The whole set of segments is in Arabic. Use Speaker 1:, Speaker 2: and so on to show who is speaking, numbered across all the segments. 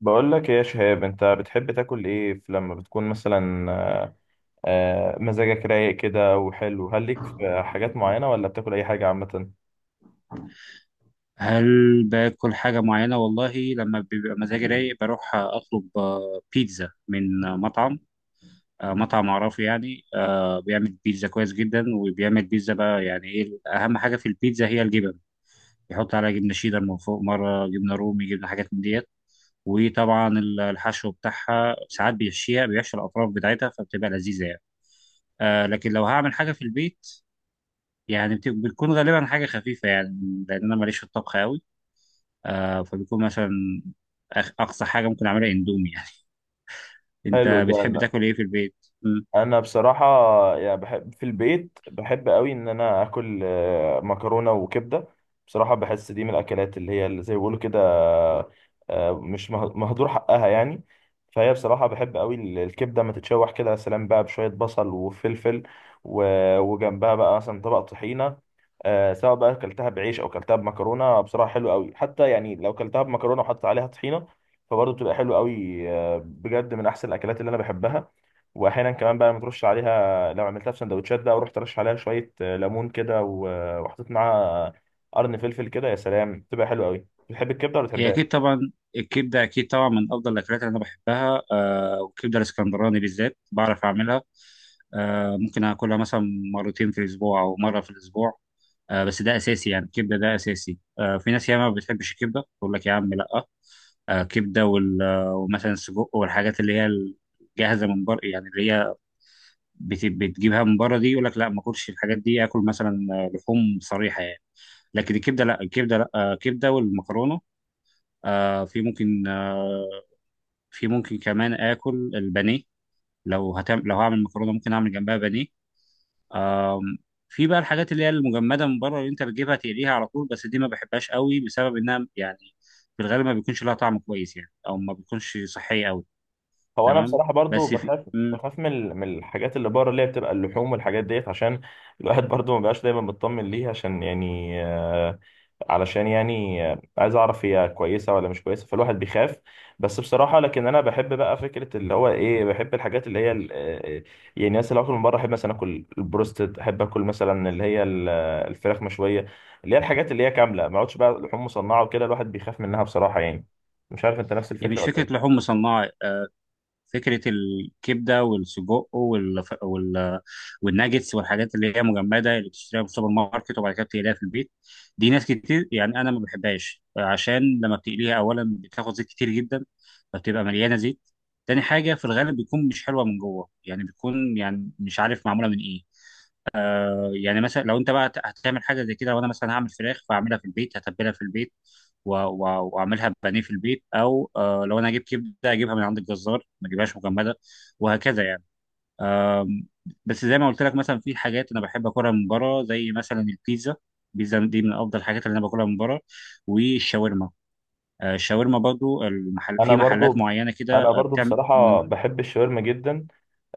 Speaker 1: بقول لك إيه يا شهاب، انت بتحب تاكل ايه لما بتكون مثلا مزاجك رايق كده وحلو؟ هل ليك في حاجات معينة ولا بتاكل اي حاجة عامة؟
Speaker 2: هل باكل حاجة معينة؟ والله لما بيبقى مزاجي رايق بروح أطلب بيتزا من مطعم أعرفه، يعني بيعمل بيتزا كويس جدا، وبيعمل بيتزا. بقى يعني إيه أهم حاجة في البيتزا؟ هي الجبن. يحط عليها جبنة شيدر من فوق، مرة جبنة رومي، جبنة، حاجات من ديت. وطبعا الحشو بتاعها ساعات بيحشي الأطراف بتاعتها، فبتبقى لذيذة يعني. لكن لو هعمل حاجة في البيت، يعني بتكون غالبا حاجة خفيفة، يعني لأن أنا ماليش في الطبخ أوي. فبيكون مثلا، أقصى حاجة ممكن أعملها إندومي يعني. أنت
Speaker 1: حلو ده.
Speaker 2: بتحب تاكل إيه في البيت؟ مم.
Speaker 1: انا بصراحه يعني بحب في البيت، بحب قوي ان انا اكل مكرونه وكبده. بصراحه بحس دي من الاكلات اللي هي اللي زي ما بيقولوا كده مش مهدور حقها يعني. فهي بصراحه بحب قوي الكبده ما تتشوح كده، يا سلام بقى بشويه بصل وفلفل. و- وجنبها بقى مثلا طبق طحينه. سواء بقى اكلتها بعيش او اكلتها بمكرونه، بصراحه حلو قوي. حتى يعني لو اكلتها بمكرونه وحطيت عليها طحينه فبرضه بتبقى حلو قوي. بجد من احسن الاكلات اللي انا بحبها. واحيانا كمان بقى لما ترش عليها، لو عملتها في سندوتشات بقى ورحت ترش عليها شويه ليمون كده، و- وحطيت معاها قرن فلفل كده، يا سلام بتبقى حلوه قوي. بتحب الكبده ولا
Speaker 2: هي
Speaker 1: بتحبها؟
Speaker 2: أكيد طبعا الكبدة، أكيد طبعا من أفضل الأكلات اللي أنا بحبها. آه، والكبدة الإسكندراني بالذات بعرف أعملها. آه، ممكن أكلها مثلا مرتين في الأسبوع أو مرة في الأسبوع. آه، بس ده أساسي، يعني الكبدة ده أساسي. آه، في ناس ياما ما بتحبش الكبدة، تقول لك يا عم لأ. آه، كبدة ومثلا السجق والحاجات اللي هي الجاهزة من بره، يعني اللي هي بتجيبها من بره دي، يقول لك لا ما اكلش الحاجات دي، اكل مثلا لحوم صريحه يعني. لكن الكبده لا، الكبده لا، كبده والمكرونه. آه، في ممكن آه، في ممكن كمان اكل البانيه. لو هعمل مكرونه ممكن اعمل جنبها بانيه. آم، في بقى الحاجات اللي هي المجمده من بره، اللي انت بتجيبها تقليها على طول، بس دي ما بحبهاش قوي بسبب انها يعني في الغالب ما بيكونش لها طعم كويس، يعني او ما بيكونش صحيه قوي.
Speaker 1: هو انا
Speaker 2: تمام.
Speaker 1: بصراحه برضو
Speaker 2: بس في
Speaker 1: بخاف، بخاف من من الحاجات اللي بره اللي هي بتبقى اللحوم والحاجات ديت، عشان الواحد برضو ما بقاش دايما مطمن ليها، عشان يعني علشان يعني عايز اعرف هي كويسه ولا مش كويسه، فالواحد بيخاف. بس بصراحه لكن انا بحب بقى فكره اللي هو ايه، بحب الحاجات اللي هي يعني مثلا لو اكل من بره احب مثلا اكل البروستد، احب اكل مثلا اللي هي الفراخ مشويه، اللي هي الحاجات اللي هي كامله. ما اقعدش بقى لحوم مصنعه وكده، الواحد بيخاف منها بصراحه يعني. مش عارف انت نفس
Speaker 2: يعني
Speaker 1: الفكره
Speaker 2: مش
Speaker 1: ولا
Speaker 2: فكره
Speaker 1: إيه؟
Speaker 2: لحوم مصنعه. فكرة الكبدة والسجق والناجتس والحاجات اللي هي مجمدة، اللي بتشتريها في السوبر ماركت وبعد كده بتقليها في البيت. دي ناس كتير يعني أنا ما بحبهاش، عشان لما بتقليها أولا بتاخد زيت كتير جدا، فبتبقى مليانة زيت. تاني حاجة في الغالب بيكون مش حلوة من جوه، يعني بيكون يعني مش عارف معمولة من إيه. يعني مثلا لو انت بقى هتعمل حاجه زي كده، وانا مثلا هعمل فراخ فاعملها في البيت، هتبلها في البيت واعملها بانيه في البيت، او لو انا اجيب كبده اجيبها من عند الجزار، ما اجيبهاش مجمده، وهكذا يعني. أم، بس زي ما قلت لك، مثلا في حاجات انا بحب اكلها من بره، زي مثلا البيتزا. البيتزا دي من افضل الحاجات اللي انا باكلها من بره. والشاورما. الشاورما برضو، المحل
Speaker 1: انا
Speaker 2: في محلات
Speaker 1: برضو
Speaker 2: معينه كده
Speaker 1: انا برضو
Speaker 2: بتعمل.
Speaker 1: بصراحه بحب الشاورما جدا.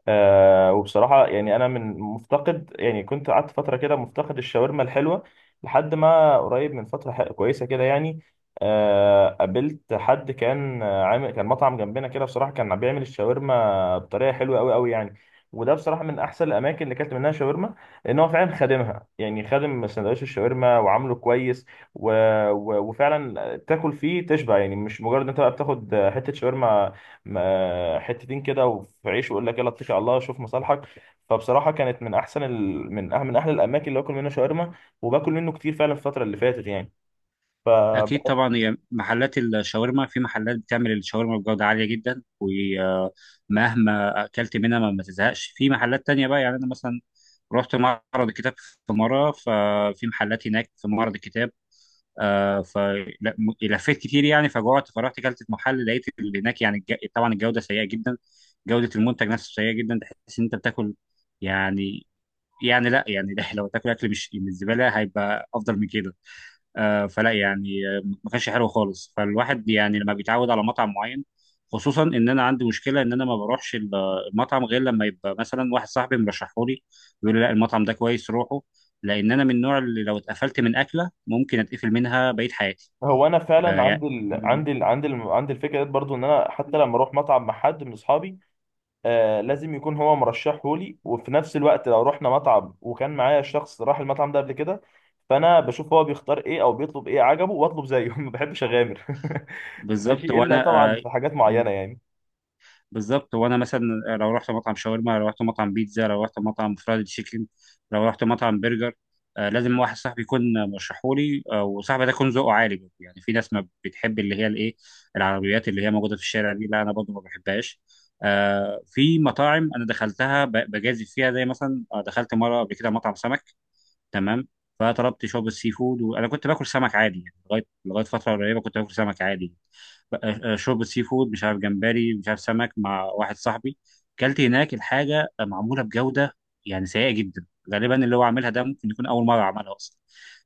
Speaker 1: آه وبصراحة يعني أنا من مفتقد، يعني كنت قعدت فترة كده مفتقد الشاورما الحلوة، لحد ما قريب من فترة كويسة كده يعني. آه قابلت حد كان عامل كان مطعم جنبنا كده. بصراحة كان بيعمل الشاورما بطريقة حلوة أوي أوي يعني. وده بصراحة من أحسن الأماكن اللي أكلت منها شاورما، لأن هو فعلا خادمها يعني، خادم سندوتش الشاورما وعامله كويس. و... و... وفعلا تاكل فيه تشبع، يعني مش مجرد أنت بقى بتاخد حتة شاورما حتتين كده وفي عيش ويقول لك يلا اتكل على الله شوف مصالحك. فبصراحه كانت من احسن ال... من أح... من احلى الاماكن اللي باكل منها شاورما، وباكل منه كتير فعلا الفتره اللي فاتت يعني. ف
Speaker 2: اكيد طبعا، هي محلات الشاورما، في محلات بتعمل الشاورما بجوده عاليه جدا، ومهما اكلت منها ما تزهقش. في محلات تانية بقى يعني، انا مثلا رحت معرض الكتاب في مره، ففي محلات هناك في معرض الكتاب. فلفيت كتير يعني فجوعت، فرحت اكلت في محل لقيت اللي هناك يعني، طبعا الجوده سيئه جدا، جوده المنتج نفسه سيئه جدا، تحس ان انت بتاكل يعني، يعني لا يعني، لو تاكل اكل مش من الزباله هيبقى افضل من كده. آه، فلا يعني آه، ما كانش حلو خالص. فالواحد يعني لما بيتعود على مطعم معين، خصوصا ان انا عندي مشكله ان انا ما بروحش المطعم غير لما يبقى مثلا واحد صاحبي مرشحه لي، بيقول لي لا المطعم ده كويس روحه، لان انا من النوع اللي لو اتقفلت من اكله ممكن اتقفل منها بقيه حياتي.
Speaker 1: هو انا
Speaker 2: آه،
Speaker 1: فعلا
Speaker 2: يعني
Speaker 1: عندي الفكره ديت برضو، ان انا حتى لما اروح مطعم مع حد من اصحابي آه لازم يكون هو مرشحه لي. وفي نفس الوقت لو رحنا مطعم وكان معايا شخص راح المطعم ده قبل كده، فانا بشوف هو بيختار ايه او بيطلب ايه عجبه واطلب زيه. ما بحبش اغامر. ماشي،
Speaker 2: بالظبط
Speaker 1: الا
Speaker 2: وانا
Speaker 1: طبعا
Speaker 2: آه،
Speaker 1: في حاجات معينه يعني.
Speaker 2: بالظبط، وانا مثلا لو رحت مطعم شاورما، لو رحت مطعم بيتزا، لو رحت مطعم فرايد تشيكن، لو رحت مطعم برجر، آه، لازم واحد صاحبي يكون مرشحولي، آه، وصاحبي ده يكون ذوقه عالي برضه. يعني في ناس ما بتحب اللي هي الايه، العربيات اللي هي موجوده في الشارع دي، لا انا برضه ما بحبهاش. آه، في مطاعم انا دخلتها بجازف فيها، زي مثلا دخلت مره قبل كده مطعم سمك. تمام. فطلبت شوربه سي فود، وانا كنت باكل سمك عادي، يعني لغايه فتره قريبه كنت باكل سمك عادي. شوربه سي فود، مش عارف جمبري، مش عارف سمك، مع واحد صاحبي. كلت هناك الحاجه معموله بجوده، يعني سيئه جدا. غالبا اللي هو عاملها ده ممكن يكون اول مره عملها اصلا،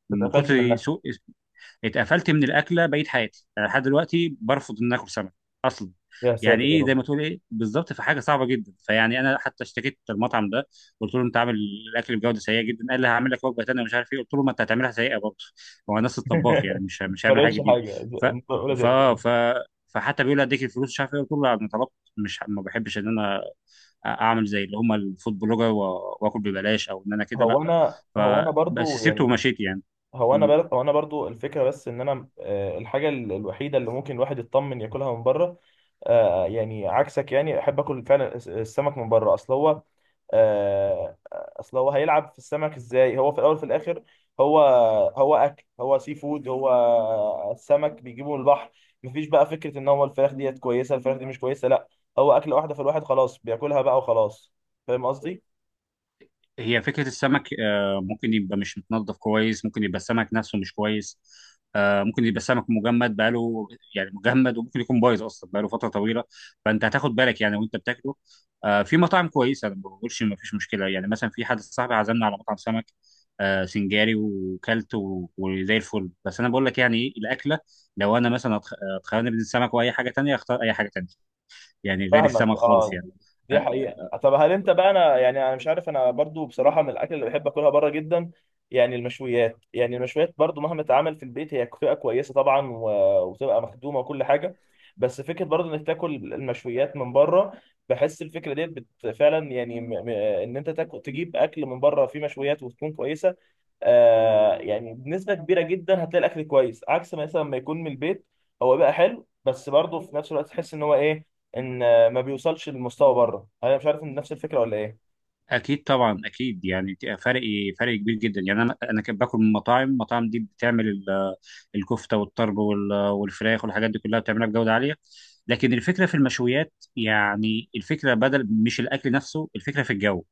Speaker 2: من
Speaker 1: اتقفلت
Speaker 2: كتر
Speaker 1: منها.
Speaker 2: سوء. اتقفلت من الاكله بقيت حياتي، أنا لحد دلوقتي برفض ان اكل سمك اصلا.
Speaker 1: يا ساتر
Speaker 2: يعني
Speaker 1: يا
Speaker 2: ايه
Speaker 1: رب.
Speaker 2: زي ما تقول ايه، بالظبط، في حاجه صعبه جدا. فيعني انا حتى اشتكيت المطعم ده، قلت له انت عامل الاكل بجوده سيئه جدا، قال لي هعمل لك وجبه تانيه مش عارف ايه، قلت له ما انت هتعملها سيئه برضه، هو نفس الطباخ يعني، مش
Speaker 1: ما
Speaker 2: مش هيعمل حاجه
Speaker 1: فرقتش
Speaker 2: جديده.
Speaker 1: حاجه
Speaker 2: ف
Speaker 1: اولى زي
Speaker 2: ف
Speaker 1: التاني.
Speaker 2: ف فحتى بيقول لي اديك الفلوس مش عارف ايه، قلت له لا، انا طلبت، مش ما بحبش ان انا اعمل زي اللي هم الفود بلوجر واكل ببلاش، او ان انا كده لا.
Speaker 1: هو انا
Speaker 2: فبس
Speaker 1: برضو
Speaker 2: سيبته
Speaker 1: يعني.
Speaker 2: ومشيت يعني.
Speaker 1: هو انا برضو الفكره، بس ان انا الحاجه الوحيده اللي ممكن الواحد يطمن ياكلها من بره يعني عكسك، يعني احب اكل فعلا السمك من بره. اصل هو اصل هو هيلعب في السمك ازاي؟ هو في الاول وفي الاخر هو هو اكل، هو سي فود، هو السمك بيجيبه من البحر. مفيش بقى فكره ان هو الفراخ ديت كويسه الفراخ دي مش كويسه، لا. هو اكله واحده فالواحد خلاص بياكلها بقى وخلاص. فاهم قصدي؟
Speaker 2: هي فكرة السمك، ممكن يبقى مش متنظف كويس، ممكن يبقى السمك نفسه مش كويس، ممكن يبقى السمك مجمد بقاله يعني مجمد، وممكن يكون بايظ أصلا بقاله فترة طويلة. فأنت هتاخد بالك يعني وأنت بتاكله. في مطاعم كويسة، أنا ما بقولش ما فيش مشكلة، يعني مثلا في حد صاحبي عزمنا على مطعم سمك سنجاري، وكلت وزي الفل. بس أنا بقول لك يعني إيه الأكلة، لو أنا مثلا اتخيرني بين السمك وأي حاجة تانية، أختار أي حاجة تانية يعني، غير
Speaker 1: فاهمك
Speaker 2: السمك خالص
Speaker 1: اه.
Speaker 2: يعني.
Speaker 1: دي
Speaker 2: آه،
Speaker 1: حقيقة. طب هل انت بقى، انا يعني انا مش عارف، انا برضو بصراحة من الاكل اللي بحب اكلها بره جدا يعني المشويات. يعني المشويات برضو مهما اتعمل في البيت هي بتبقى كويسة طبعا و- وتبقى مخدومة وكل حاجة، بس فكرة برضو انك تاكل المشويات من بره، بحس الفكرة ديت فعلا يعني ان انت تاكل تجيب اكل من بره فيه مشويات وتكون كويسة. آه يعني بنسبة كبيرة جدا هتلاقي الأكل كويس، عكس ما مثلا ما يكون من البيت. هو بقى حلو بس برضه في نفس الوقت تحس إن هو إيه، إن ما بيوصلش للمستوى بره. أنا مش عارف إن نفس الفكرة ولا إيه؟
Speaker 2: اكيد طبعا، اكيد يعني فرق، فرق كبير جدا. يعني انا كنت باكل من مطاعم، المطاعم دي بتعمل الكفته والطرب والفراخ والحاجات دي كلها، بتعملها بجوده عاليه. لكن الفكره في المشويات، يعني الفكره بدل مش الاكل نفسه، الفكره في الجو،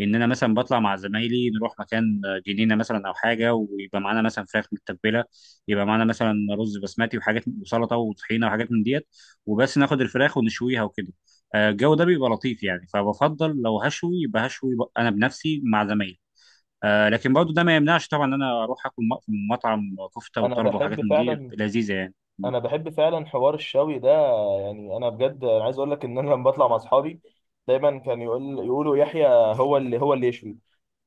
Speaker 2: ان انا مثلا بطلع مع زمايلي نروح مكان، جنينه مثلا او حاجه، ويبقى معانا مثلا فراخ متبله، يبقى معانا مثلا رز بسمتي وحاجات وسلطه وطحينه وحاجات من ديت، وبس ناخد الفراخ ونشويها وكده. الجو ده بيبقى لطيف يعني، فبفضل لو هشوي يبقى هشوي انا بنفسي مع زمايلي. لكن برضو ده ما يمنعش طبعا ان انا اروح اكل في مطعم كفته
Speaker 1: أنا
Speaker 2: وطرب وحاجات
Speaker 1: بحب
Speaker 2: من دي
Speaker 1: فعلا
Speaker 2: لذيذه يعني.
Speaker 1: أنا بحب فعلا حوار الشوي ده. يعني أنا بجد أنا عايز أقول لك إن أنا لما بطلع مع أصحابي دايما كان يقول يقولوا يحيى هو اللي يشوي.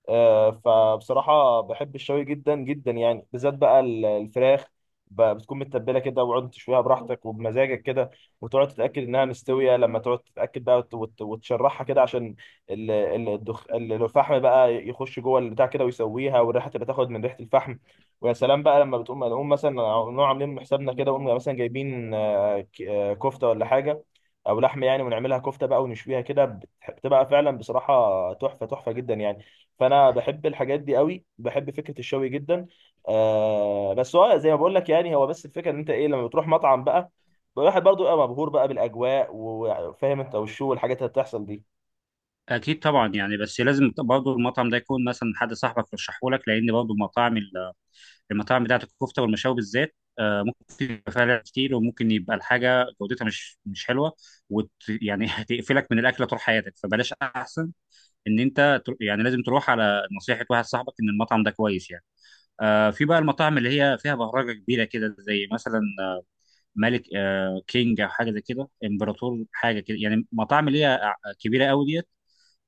Speaker 1: فبصراحة بحب الشوي جدا جدا يعني، بالذات بقى الفراخ. بتكون متبلة كده وقعد تشويها براحتك وبمزاجك كده، وتقعد تتأكد إنها مستوية. لما تقعد تتأكد بقى وت- وت- وتشرحها كده عشان الفحم بقى يخش جوه البتاع كده ويسويها، والريحة تبقى تاخد من ريحة الفحم. ويا سلام بقى لما بتقوم نقوم مثلا نقوم عاملين من حسابنا كده، ونقوم مثلا جايبين كفتة ولا حاجة أو لحمة يعني، ونعملها كفتة بقى ونشويها كده بتبقى فعلا بصراحة تحفة، تحفة جدا يعني. فانا بحب الحاجات دي قوي، بحب فكره الشوي جدا. آه بس هو زي ما بقول لك يعني، هو بس الفكره ان انت ايه، لما بتروح مطعم بقى الواحد برضو يبقى مبهور بقى بالاجواء وفاهم انت والشو والحاجات اللي بتحصل دي.
Speaker 2: اكيد طبعا، يعني بس لازم برضو المطعم ده يكون مثلا حد صاحبك يرشحه لك، لان برضو مطاعم المطاعم بتاعت الكفته والمشاوي بالذات، ممكن يبقى فيها لعب كتير، وممكن يبقى الحاجه جودتها مش حلوه، وت يعني هتقفلك من الاكله طول حياتك، فبلاش احسن ان انت يعني لازم تروح على نصيحه واحد صاحبك ان المطعم ده كويس يعني. في بقى المطاعم اللي هي فيها بهرجة كبيرة كده، زي مثلا ملك، كينج، أو حاجة زي كده، إمبراطور، حاجة كده يعني، مطاعم اللي هي كبيرة قوي ديت.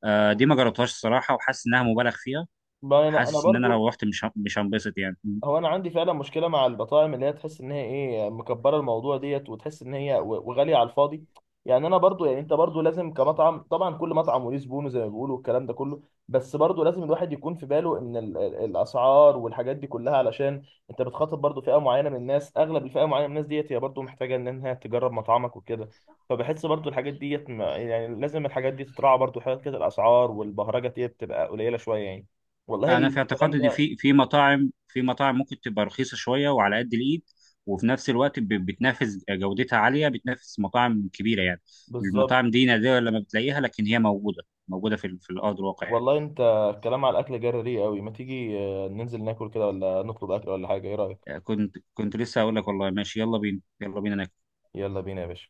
Speaker 2: دي ما جربتهاش الصراحة، وحاسس إنها مبالغ فيها.
Speaker 1: ما انا
Speaker 2: حاسس إن أنا
Speaker 1: برضو.
Speaker 2: لو رحت مش هنبسط يعني.
Speaker 1: هو انا عندي فعلا مشكله مع البطاعم اللي هي تحس ان هي ايه، مكبره الموضوع ديت، وتحس ان هي و- وغاليه على الفاضي. يعني انا برضو يعني انت برضو لازم، كمطعم طبعا كل مطعم وليه زبونه زي ما بيقولوا الكلام ده كله، بس برضو لازم الواحد يكون في باله ان الاسعار والحاجات دي كلها، علشان انت بتخاطب برضو فئه معينه من الناس، اغلب الفئه معينه من الناس ديت هي برضو محتاجه انها تجرب مطعمك وكده. فبحس برضو الحاجات ديت يعني لازم الحاجات دي تتراعى برضو، حاجات كده الاسعار والبهرجه ديت تبقى قليله شويه يعني. والله
Speaker 2: أنا في
Speaker 1: الكلام
Speaker 2: اعتقادي إن
Speaker 1: ده
Speaker 2: في مطاعم، مطاعم ممكن تبقى رخيصة شوية وعلى قد الإيد، وفي نفس الوقت بتنافس، جودتها عالية، بتنافس مطاعم كبيرة يعني.
Speaker 1: بالظبط.
Speaker 2: المطاعم دي نادرة لما بتلاقيها، لكن هي موجودة، موجودة في في الأرض الواقع يعني.
Speaker 1: والله انت الكلام على الاكل جري قوي، ما تيجي ننزل ناكل كده ولا نطلب اكل ولا حاجه، ايه رايك؟
Speaker 2: كنت لسه هقول لك والله ماشي، يلا بينا، يلا بينا ناكل.
Speaker 1: يلا بينا يا باشا.